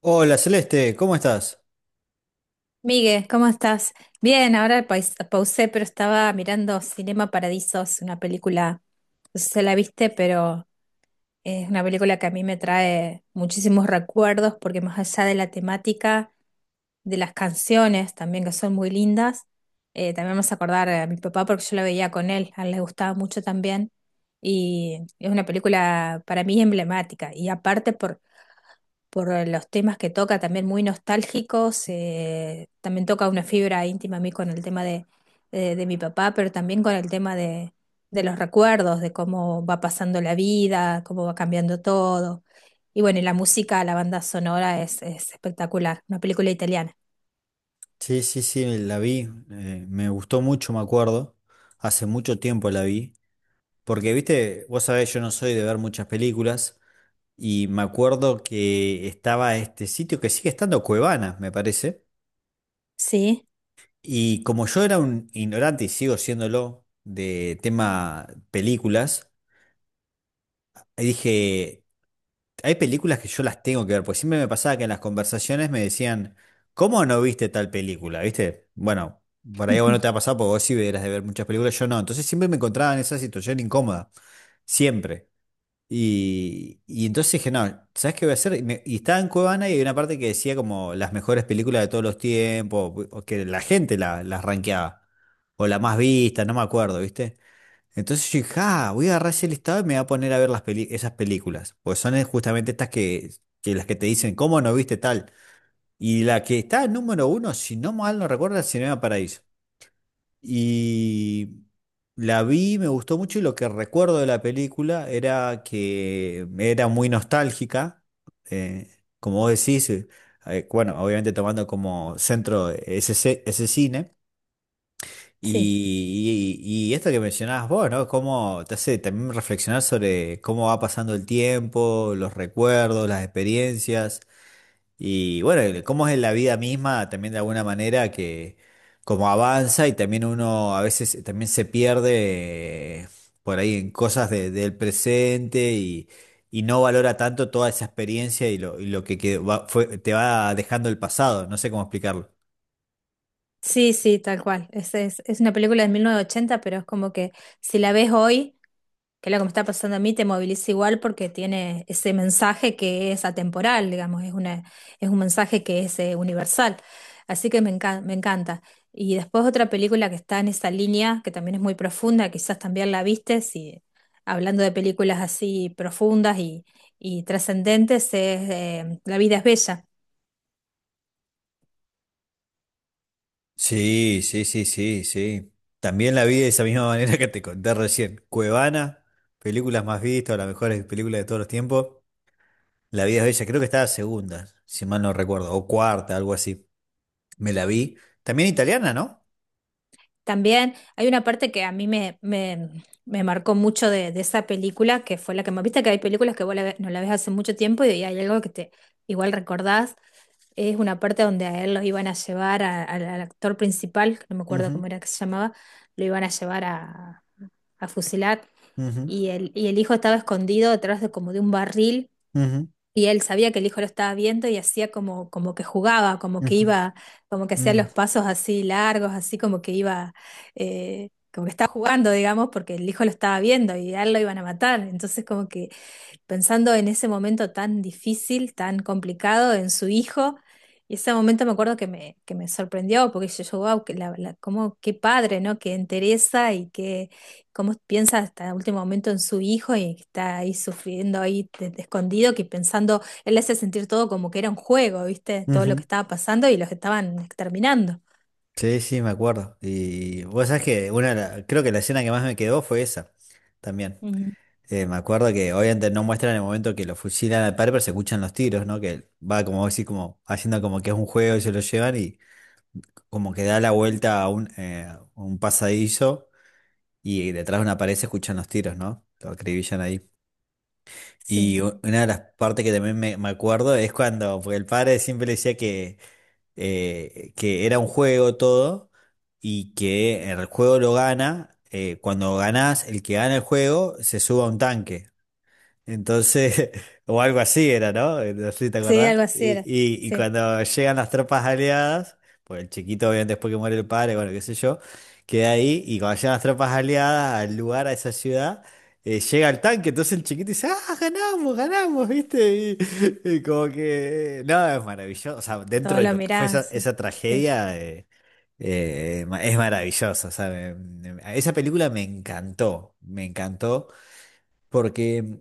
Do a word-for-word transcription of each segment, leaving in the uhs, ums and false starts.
Hola Celeste, ¿cómo estás? Miguel, ¿cómo estás? Bien, ahora pais- pausé, pero estaba mirando Cinema Paradisos, una película, no sé si la viste, pero es una película que a mí me trae muchísimos recuerdos, porque más allá de la temática, de las canciones también, que son muy lindas, eh, también me hace acordar a mi papá, porque yo la veía con él, a él le gustaba mucho también, y es una película para mí emblemática, y aparte por por eh, los temas que toca, también muy nostálgicos. Eh, también toca una fibra íntima a mí con el tema de, de- de mi papá, pero también con el tema de, de los recuerdos, de cómo va pasando la vida, cómo va cambiando todo. Y bueno, y la música, la banda sonora es, es espectacular, una película italiana. Sí, sí, sí, la vi, eh, me gustó mucho, me acuerdo, hace mucho tiempo la vi, porque viste, vos sabés, yo no soy de ver muchas películas y me acuerdo que estaba este sitio que sigue estando Cuevana, me parece. Sí, Y como yo era un ignorante y sigo siéndolo de tema películas, dije, hay películas que yo las tengo que ver, porque siempre me pasaba que en las conversaciones me decían, ¿cómo no viste tal película? ¿Viste? Bueno, por ahí a vos no te ha pasado porque vos sí eras de ver muchas películas, yo no. Entonces siempre me encontraba en esa situación incómoda, siempre. Y, y entonces dije, no, ¿sabes qué voy a hacer? Y, me- y estaba en Cuevana y hay una parte que decía como las mejores películas de todos los tiempos, o que la gente la- las rankeaba, o la más vista, no me acuerdo, ¿viste? Entonces yo dije, ah, voy a agarrar ese listado y me voy a poner a ver las peli- esas películas. Pues son eh, justamente estas que, que las que te dicen, ¿cómo no viste tal? Y la que está en número uno, si no mal no recuerdo, es Cinema Paraíso. Y la vi, me gustó mucho y lo que recuerdo de la película era que era muy nostálgica. eh, Como vos decís, eh, eh, bueno, obviamente tomando como centro ese, ce- ese cine. sí, Y, y- y esto que mencionabas vos, ¿no? Cómo te hace también reflexionar sobre cómo va pasando el tiempo, los recuerdos, las experiencias, y bueno, cómo es la vida misma también de alguna manera que como avanza, y también uno a veces también se pierde eh, por ahí en cosas de- del presente, y, y no valora tanto toda esa experiencia y lo, y lo que quedó- va- fue- te va dejando el pasado, no sé cómo explicarlo. sí, sí, tal cual. Es, es, es una película de mil novecientos ochenta, pero es como que si la ves hoy, que es lo que me está pasando a mí, te moviliza igual porque tiene ese mensaje que es atemporal, digamos, es una, es un mensaje que es eh, universal. Así que me encan- me encanta. Y después otra película que está en esa línea, que también es muy profunda, quizás también la viste, si hablando de películas así profundas y, y trascendentes, es eh, La vida es bella. Sí, sí, sí, sí, sí. También la vi de esa misma manera que te conté recién. Cuevana, películas más vistas, las mejores películas de todos los tiempos. La vida es bella, creo que estaba segunda, si mal no recuerdo, o cuarta, algo así. Me la vi. También italiana, ¿no? También hay una parte que a mí me, me, me marcó mucho de, de esa película, que fue la que me viste, que hay películas que vos la ve- no la ves hace mucho tiempo y hay algo que te igual recordás. Es una parte donde a él lo iban a llevar a- al al actor principal, que no me acuerdo Ujú, cómo era que se llamaba. Lo iban a llevar a, a fusilar, ujú, y el, y el hijo estaba escondido detrás de como de un barril, ujú, y él sabía que el hijo lo estaba viendo y hacía como, como que jugaba, como que ujú, iba, como que hacía los mm, pasos así largos, así como que iba, eh, como que estaba jugando, digamos, porque el hijo lo estaba viendo y a él lo iban a matar. Entonces como que pensando en ese momento tan difícil, tan complicado, en su hijo. Y ese momento me acuerdo que me, que me sorprendió, porque yo, yo, wow, que la, la- cómo, qué padre, ¿no? Que interesa y que cómo piensa hasta el último momento en su hijo, y que está ahí sufriendo, ahí de- de escondido, que pensando, él le hace sentir todo como que era un juego, ¿viste? Todo lo ujú. que estaba pasando y los estaban exterminando. Sí, sí, me acuerdo. Y vos sabés que una, de la- creo que la escena que más me quedó fue esa, también. Ujú. Eh, me acuerdo que obviamente no muestran el momento que lo fusilan al padre, pero se escuchan los tiros, ¿no? Que va como así, como haciendo como que es un juego y se lo llevan, y como que da la vuelta a un, eh, un pasadizo, y detrás de una pared se escuchan los tiros, ¿no? Lo acribillan ahí. Sí, Y u- una de las partes que también me, me acuerdo es cuando, porque el padre siempre le decía que, eh, que era un juego todo y que el juego lo gana. Eh, cuando ganás, el que gana el juego se sube a un tanque. Entonces, o algo así era, ¿no? Eh, No sé si te sí, acordás. algo así Y, era. y, y Sí, cuando llegan las tropas aliadas, pues el chiquito, obviamente, después que muere el padre, bueno, qué sé yo, queda ahí. Y cuando llegan las tropas aliadas al lugar, a esa ciudad, eh, llega el tanque. Entonces el chiquito dice, ¡ah, ganamos, ganamos! ¿Viste? Y, y como que. eh, No, es maravilloso. O sea, dentro todo de lo lo que fue miraba, esa, sí. esa tragedia. Eh, eh, ma- es maravilloso, o sea, me- me- esa película me encantó, me encantó, porque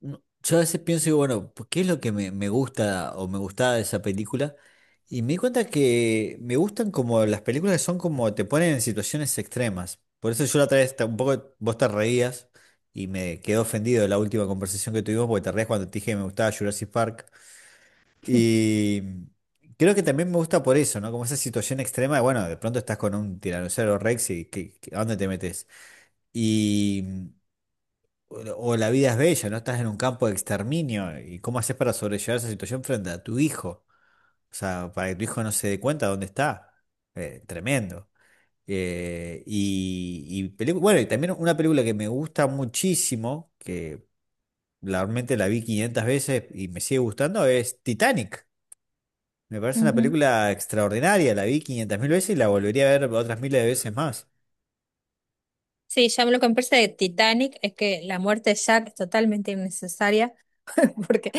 no- yo a veces pienso, digo, bueno, pues, ¿qué es lo que me, me gusta o me gustaba de esa película? Y me di cuenta que me gustan como las películas que son como te ponen en situaciones extremas. Por eso yo la otra vez ta- un poco vos te reías y me quedé ofendido de la última conversación que tuvimos porque te reías cuando te dije que me gustaba Jurassic Park. Y creo que también me gusta por eso, ¿no? Como esa situación extrema de, bueno, de pronto estás con un tiranosaurio Rex y ¿qué- qué- ¿a dónde te metes? Y. O la o la vida es bella, no estás en un campo de exterminio. ¿Y cómo haces para sobrellevar esa situación frente a tu hijo? O sea, para que tu hijo no se dé cuenta de dónde está. Eh, tremendo. Eh, y, y pelicu- bueno, y también una película que me gusta muchísimo, que realmente la vi quinientas veces y me sigue gustando, es Titanic. Me parece una Sí. película extraordinaria, la vi quinientas mil veces y la volvería a ver otras miles de veces más. Sí, ya lo que me parece de Titanic es que la muerte de Jack es totalmente innecesaria, porque,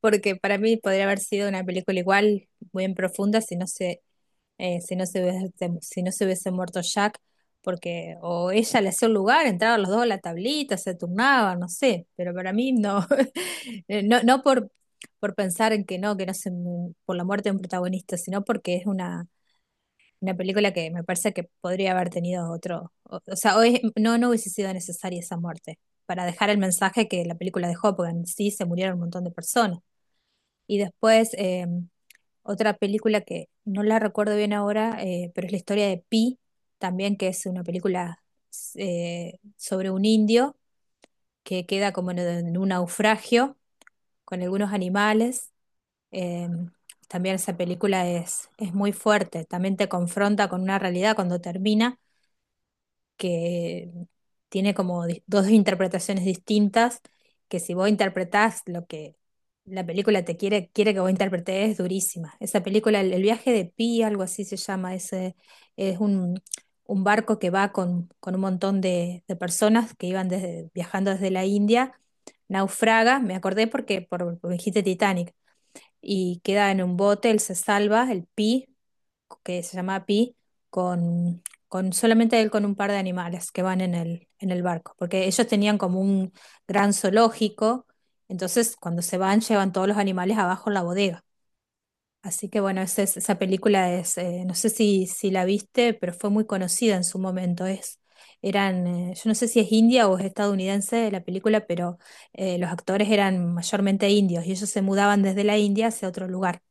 porque para mí podría haber sido una película igual, muy en profunda, si no se, eh, si no se hubiese, si no se hubiese muerto Jack, porque o ella le hacía un lugar, entraban los dos a la tablita, se turnaban, no sé, pero para mí no. Eh, no, no por, Por pensar en que no, que no se, por la muerte de un protagonista, sino porque es una una película que me parece que podría haber tenido otro, o, o sea, hoy no, no hubiese sido necesaria esa muerte para dejar el mensaje que la película dejó, porque en sí se murieron un montón de personas. Y después eh, otra película que no la recuerdo bien ahora, eh, pero es la historia de Pi, también que es una película eh, sobre un indio que queda como en, en un naufragio con algunos animales. Eh, también esa película es, es muy fuerte, también te confronta con una realidad cuando termina, que tiene como di- dos interpretaciones distintas, que si vos interpretás lo que la película te quiere, quiere que vos interpretes, es durísima. Esa película, El, el viaje de Pi, algo así se llama. Ese es un, un barco que va con, con un montón de, de personas que iban desde, viajando desde la India, naufraga, me acordé porque por, por dijiste Titanic, y queda en un bote, él se salva, el Pi, que se llama Pi, con, con solamente él con un par de animales que van en el, en el barco, porque ellos tenían como un gran zoológico, entonces cuando se van llevan todos los animales abajo en la bodega. Así que bueno, esa, es- esa película es, eh, no sé si, si la viste, pero fue muy conocida en su momento. Es, eran, eh, yo no sé si es india o es estadounidense la película, pero eh, los actores eran mayormente indios y ellos se mudaban desde la India hacia otro lugar.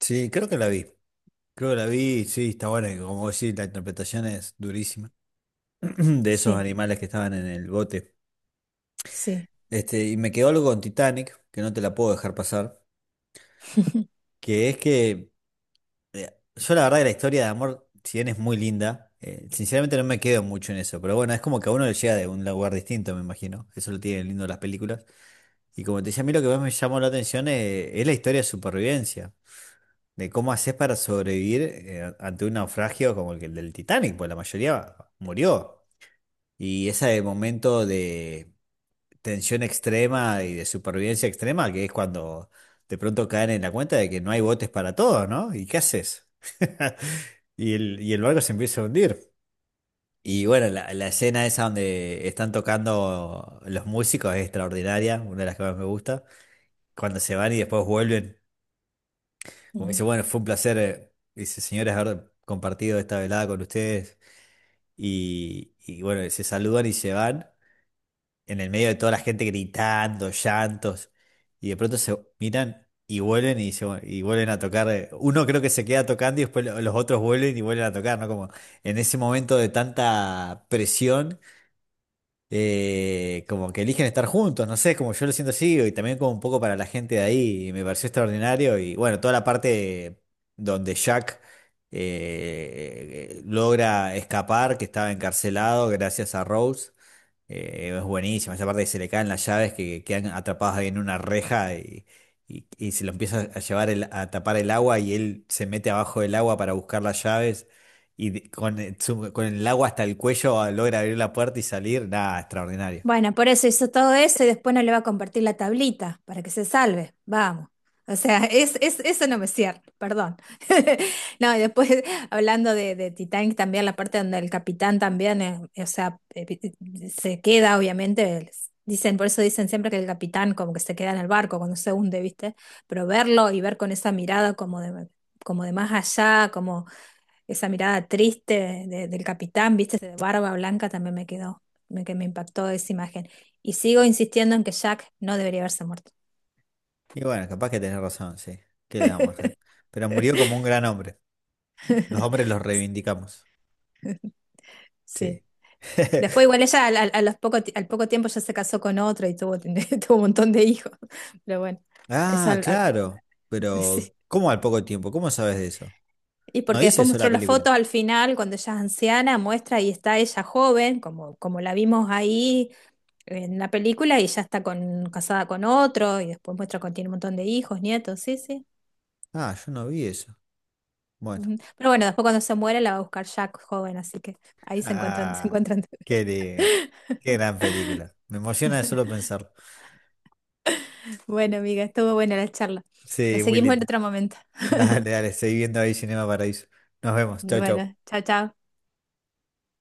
Sí, creo que la vi. Creo que la vi, sí, está buena, y como vos decís, la interpretación es durísima. De esos Sí, animales que estaban en el bote. sí. Este, y me quedó algo con Titanic, que no te la puedo dejar pasar, que es que eh, yo la verdad que la historia de amor, si bien es muy linda, eh, sinceramente no me quedo mucho en eso, pero bueno, es como que a uno le llega de un lugar distinto, me imagino, eso lo tienen lindo las películas. Y como te decía, a mí lo que más me llamó la atención es, es la historia de supervivencia, de cómo haces para sobrevivir eh, ante un naufragio como el que- el del Titanic, pues la mayoría murió. Y ese momento de tensión extrema y de supervivencia extrema, que es cuando de pronto caen en la cuenta de que no hay botes para todos, ¿no? ¿Y qué haces? Y el, y el barco se empieza a hundir. Y bueno, la, la escena esa donde están tocando los músicos es extraordinaria, una de las que más me gusta. Cuando se van y después vuelven, como dice, bueno, fue un placer, eh, dice, señores, haber compartido esta velada con ustedes. Y, y bueno, se saludan y se van, en el medio de toda la gente gritando, llantos, y de pronto se miran y vuelven y, se- y vuelven a tocar. eh, Uno creo que se queda tocando y después lo- los otros vuelven y vuelven a tocar, ¿no? Como en ese momento de tanta presión, eh, como que eligen estar juntos, no sé, como yo lo siento así, y también como un poco para la gente de ahí, y me pareció extraordinario. Y bueno, toda la parte donde Jack... eh, logra escapar, que estaba encarcelado gracias a Rose. Eh, es buenísima, esa parte que se le caen las llaves que quedan atrapadas ahí en una reja, y, y- y se lo empieza a llevar el- a tapar el agua, y él se mete abajo del agua para buscar las llaves y de- con, el su- con el agua hasta el cuello, ah, logra abrir la puerta y salir. Nada, extraordinario. Bueno, por eso hizo todo eso y después no le va a compartir la tablita para que se salve. Vamos. O sea, es, es- eso no me cierra, perdón. No, y después hablando de, de Titanic también, la parte donde el capitán también, eh, o sea, eh, eh, se queda, obviamente. Dicen, por eso dicen siempre que el capitán como que se queda en el barco cuando se hunde, ¿viste? Pero verlo y ver con esa mirada como de, como de más allá, esa mirada triste de- del capitán, viste, de barba blanca también me quedó, me, que me impactó esa imagen. Y sigo insistiendo en que Jack no debería haberse muerto. Y bueno, capaz que tenés razón, sí. ¿Qué le vamos a hacer? Pero murió como un gran hombre. Los hombres los reivindicamos. Sí. Sí. Después igual ella al, al- a los poco, ti- al poco tiempo ya se casó con otro y tuvo, tuvo un montón de hijos. Pero bueno, eso Ah, al- al- claro. sí. Pero, ¿cómo al poco tiempo? ¿Cómo sabes de eso? Y ¿No porque dice después eso mostró la las película? fotos al final, cuando ella es anciana, muestra y está ella joven, como, como la vimos ahí en la película, y ya está con, casada con otro, y después muestra que tiene un montón de hijos, nietos, sí, sí. Ah, yo no vi eso. Bueno. Ujú. Pero bueno, después cuando se muere la va a buscar Jack joven, así que ahí se encuentran, se Ah, encuentran. qué lindo. Qué gran película. Me emociona de solo pensarlo. Bueno, amiga, estuvo buena la charla. La Sí, muy seguimos en linda. otro momento. Dale, dale, seguí viendo ahí Cinema Paraíso. Nos vemos. Chau, Bueno, chau. chao, chao.